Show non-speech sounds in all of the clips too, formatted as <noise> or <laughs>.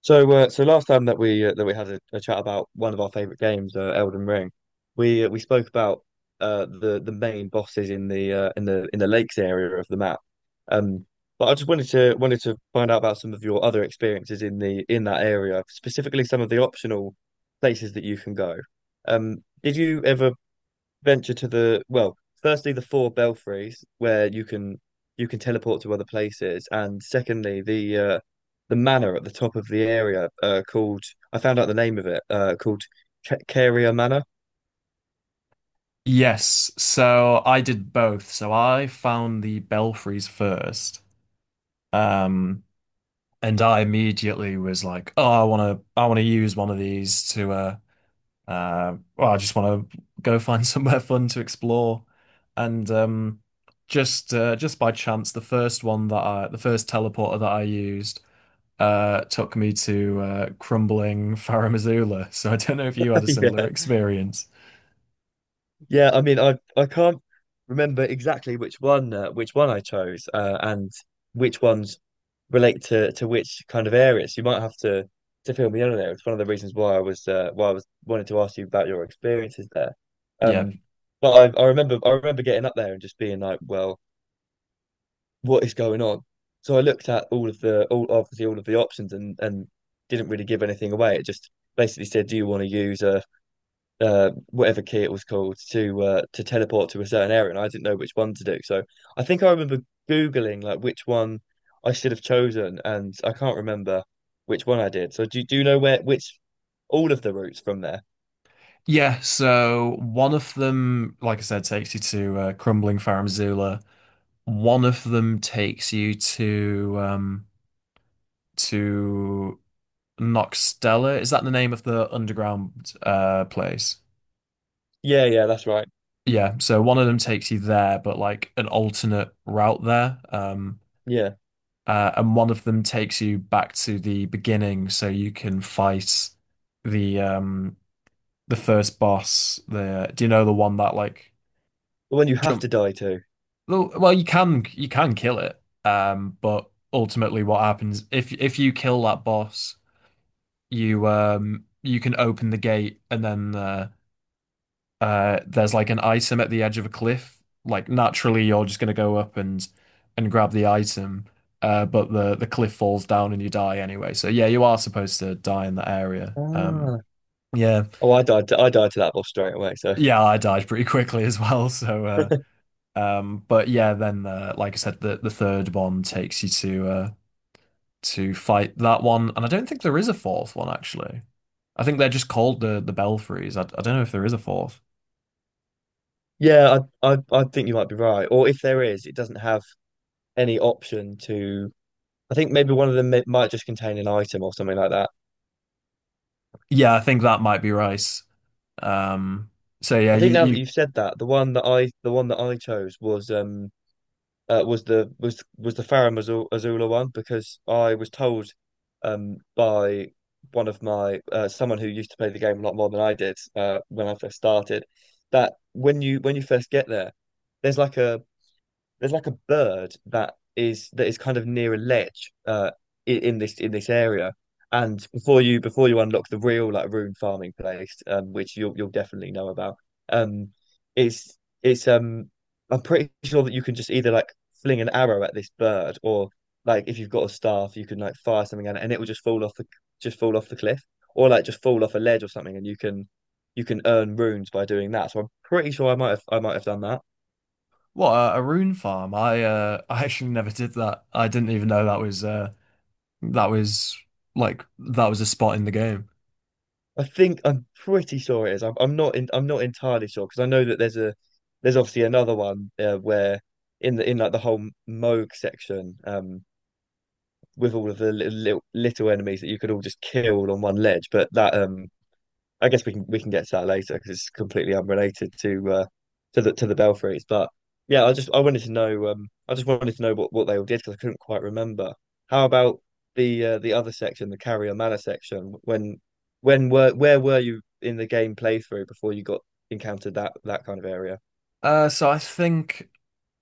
So last time that we had a chat about one of our favorite games, Elden Ring, we spoke about the main bosses in the in the lakes area of the map. Um, but I just wanted to wanted to find out about some of your other experiences in the in that area, specifically some of the optional places that you can go. Did you ever venture to the well, firstly the four belfries where you can teleport to other places, and secondly the manor at the top of the area called I found out the name of it called Caria Manor. Yes, so I did both. So I found the belfries first, um, and I immediately was like, "Oh, I want to use one of these to, well, I just want to go find <laughs> somewhere fun to explore." And just by chance, the first teleporter that I used, took me to crumbling Farum Azula. <laughs> So I don't know if you had <laughs> a similar Yeah. experience. Yeah, I mean, I can't remember exactly which one I chose, and which ones relate to which kind of areas. You might have to fill me in on there. It's one of the reasons why I was wanted to ask you about your experiences there. Yeah. Um, but I remember getting up there and just being like, well, what is going on? So I looked at all of the all obviously all of the options and didn't really give anything away. It just basically said, do you want to use a whatever key it was called to teleport to a certain area, and I didn't know which one to do. So I think I remember Googling like which one I should have chosen, and I can't remember which one I did. So do you know where which all of the routes from there? Yeah, so one of them, like I said, takes you to Crumbling Pharmazula. One of them takes you to to Noxtella. Is that the name of the underground place? Yeah, yeah, that's right. Yeah, so one of them takes you there, but like an alternate route there. Yeah, And one of them takes you back to the beginning so you can fight the um the first boss. The do you know the one that like the one you have jump? to die to. Well, you can kill it, but ultimately, what happens if you kill that boss, you you can open the gate, and then there's like an item at the edge of a cliff. Like naturally, you're just gonna go up and grab the item, but the cliff falls down and you die anyway. So yeah, you are supposed to die in that area. Ah, Yeah, oh, I died to that boss straight away. So yeah, I died pretty quickly as <laughs> well. So but yeah, then like I said, the third one takes you to fight that one, and I don't think there is a fourth one actually. I think they're just called the Belfries. I don't know if there is a fourth. yeah, I think you might be right. Or if there is, it doesn't have any option to. I think maybe one of them might just contain an item or something like that. Yeah, I think that might be Rice. Um, so yeah, I think you now that you you've said that, the one that I chose was was the Farah Azula one because I was told by one of my someone who used to play the game a lot more than I did when I first started that when you first get there, there's like a there's like a bird that is kind of near a ledge in this area. And before you unlock the real like rune farming place, which you'll definitely know about, um, it's it's I'm pretty sure that you can just either like fling an arrow at this bird or like if you've got a staff you can like fire something at it and it will just fall off the just fall off the cliff or like just fall off a ledge or something and you can earn runes by doing that. So I'm pretty sure I might have done that. what a rune farm. I <laughs> I actually never did that. I didn't even know that was that was like that was a spot in the game. I think I'm pretty sure it is. I'm not entirely sure because I know that there's obviously another one where in the in like the whole Moog section with all of the little enemies that you could all just kill on one ledge, but that I guess we can get to that later because it's completely unrelated to the Belfries. But yeah, I just I wanted to know I just wanted to know what they all did because I couldn't quite remember. How about the other section, the Carrier Manor section? When were where were you in the game playthrough before you got encountered that that kind of area? So I think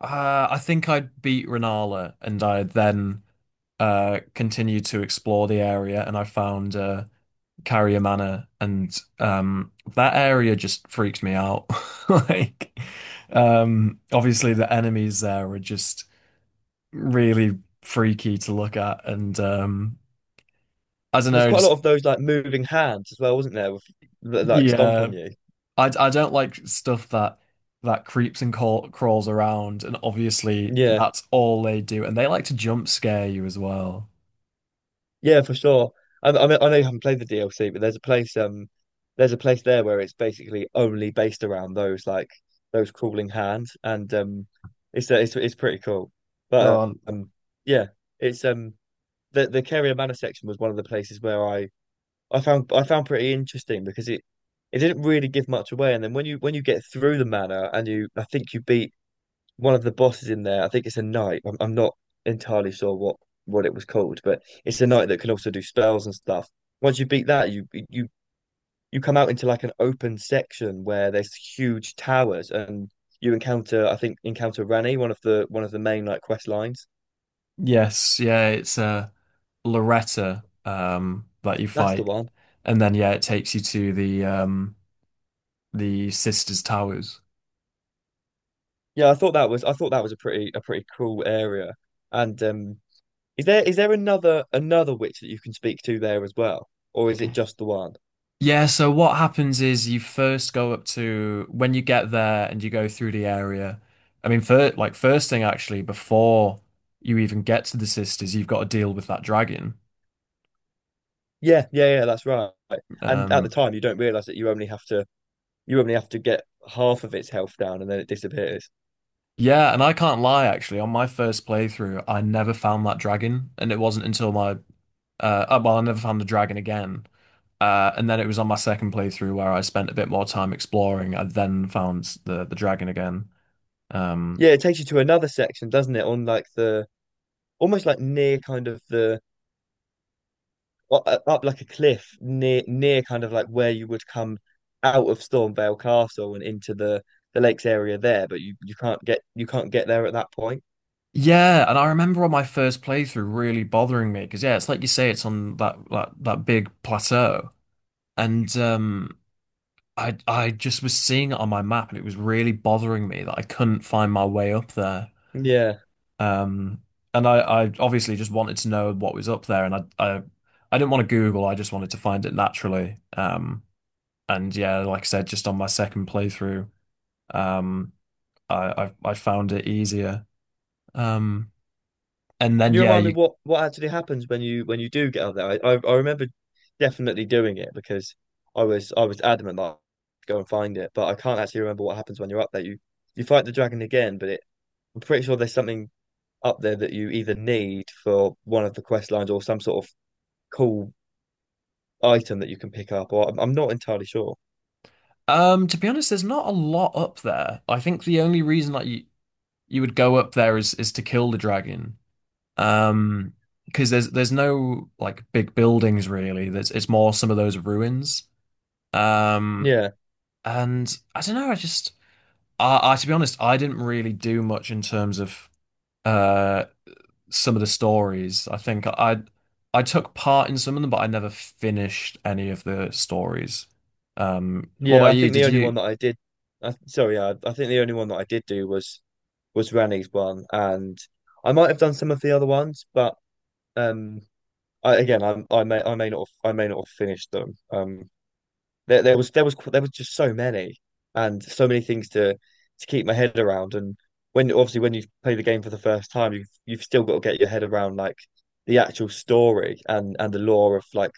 I think I beat Renala, and I then continued to explore the area, and I found Carrier Manor, and that area just freaks me out. <laughs> Like, obviously the enemies there are just really freaky to look at, and I don't There's know, quite a lot just of those like moving hands as well, wasn't there? With, that like stomp on yeah, you. I don't like stuff that creeps and crawls around, and obviously Yeah. that's all they do, and they like to jump scare you as well. Yeah, for sure. I mean, I know you haven't played the DLC, but there's a place there where it's basically only based around those like those crawling hands, and it's pretty cool. But Oh, yeah, it's the Carrier Manor section was one of the places where I found pretty interesting because it didn't really give much away, and then when you get through the manor and you I think you beat one of the bosses in there. I think it's a knight. I'm not entirely sure what it was called, but it's a knight that can also do spells and stuff. Once you beat that, you come out into like an open section where there's huge towers, and you encounter I think encounter Rani, one of the main like quest lines. yes, yeah, it's Loretta that you That's the fight, one. and then yeah, it takes you to the sisters' towers. Yeah, I thought that was a pretty cool area. And is there another another witch that you can speak to there as well, or is it just the one? Yeah, so what happens is you first go up to when you get there and you go through the area. I mean, for like first thing actually, before you even get to the sisters, you've got to deal with that dragon. Yeah, yeah, yeah, that's right. And at the Um, time, you don't realize that you only have to get half of its health down, and then it disappears. Yeah, and I can't lie, actually, on my first playthrough, I never found that dragon, and it wasn't until my oh, well, I never found the dragon again. And then it was on my second playthrough where I spent a bit more time exploring. I then found the dragon again. Um, Yeah, it takes you to another section, doesn't it? On like the almost like near kind of the up like a cliff near near kind of like where you would come out of Stormvale Castle and into the lakes area there, but you can't get there at that point. yeah, and I remember on my first playthrough really bothering me because yeah, it's like you say, it's on that big plateau, and I just was seeing it on my map, and it was really bothering me that I couldn't find my way up there. Yeah. Um, and I obviously just wanted to know what was up there, and I didn't want to Google. I just wanted to find it naturally. And yeah, like I said, just on my second playthrough, um, I found it easier. Um, and Can then you yeah, remind me you, what actually happens when you do get up there? I remember definitely doing it because I was adamant that I'd go and find it, but I can't actually remember what happens when you're up there. You fight the dragon again, I'm pretty sure there's something up there that you either need for one of the quest lines or some sort of cool item that you can pick up, or I'm not entirely sure. To be honest, there's not a lot up there. I think the only reason that you would go up there is to kill the dragon. Um, because there's no like big buildings really. There's it's more some of those ruins. Um. Yeah, And I don't know, I just I to be honest, I didn't really do much in terms of uh some of the stories. I think I took part in some of them, but I never finished any of the stories. What yeah. about I you? think the Did only you? one that I did, I, sorry, yeah, I think the only one that I did do was Rani's one, and I might have done some of the other ones, but. Um, I may not have, I may not have finished them. There was just so many and so many things to keep my head around. And when obviously when you play the game for the first time, you've still got to get your head around like the actual story and the lore of like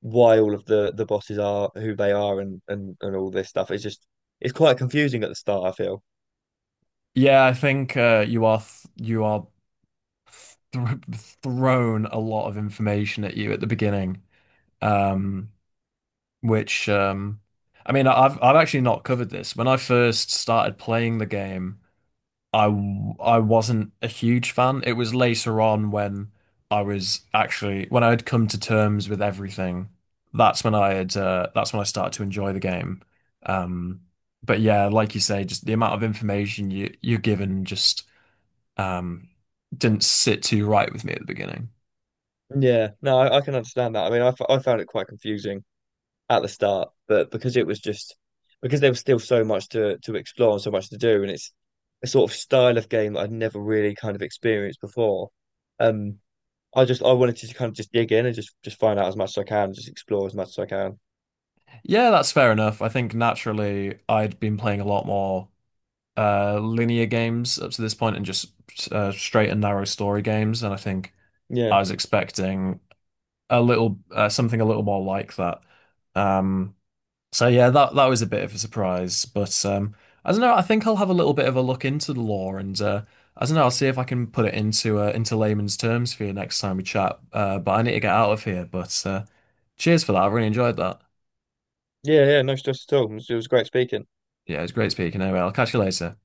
why all of the bosses are who they are and and all this stuff. It's quite confusing at the start, I feel. Yeah, I think you are th thrown a lot of information at you at the beginning, um, which I mean, I've actually not covered this when I first started playing the game. I I wasn't a huge fan. It was later on when I was actually when I had come to terms with everything. That's when I had that's when I started to enjoy the game. Um, but yeah, like you say, just the amount of information you're given just um, didn't sit too right with me at the beginning. Yeah, no, I can understand that. I found it quite confusing at the start, but because it was just because there was still so much to explore and so much to do, and it's a sort of style of game that I'd never really kind of experienced before. Um, I just I wanted to kind of just dig in and just find out as much as I can, just explore as much as I can. Yeah, that's fair enough. I think naturally I'd been playing a lot more linear games up to this point and just straight and narrow story games. And I think Yeah, I was expecting a little something a little more like that. Um, so yeah, that that was a bit of a surprise, but I don't know. I think I'll have a little bit of a look into the law, and I don't know. I'll see if I can put it into layman's terms for you next time we chat. But I need to get out of here. But cheers for that. I really enjoyed that. yeah, yeah. No stress at all. It was great speaking. Yeah, it was great speaking. Anyway, I'll catch you later.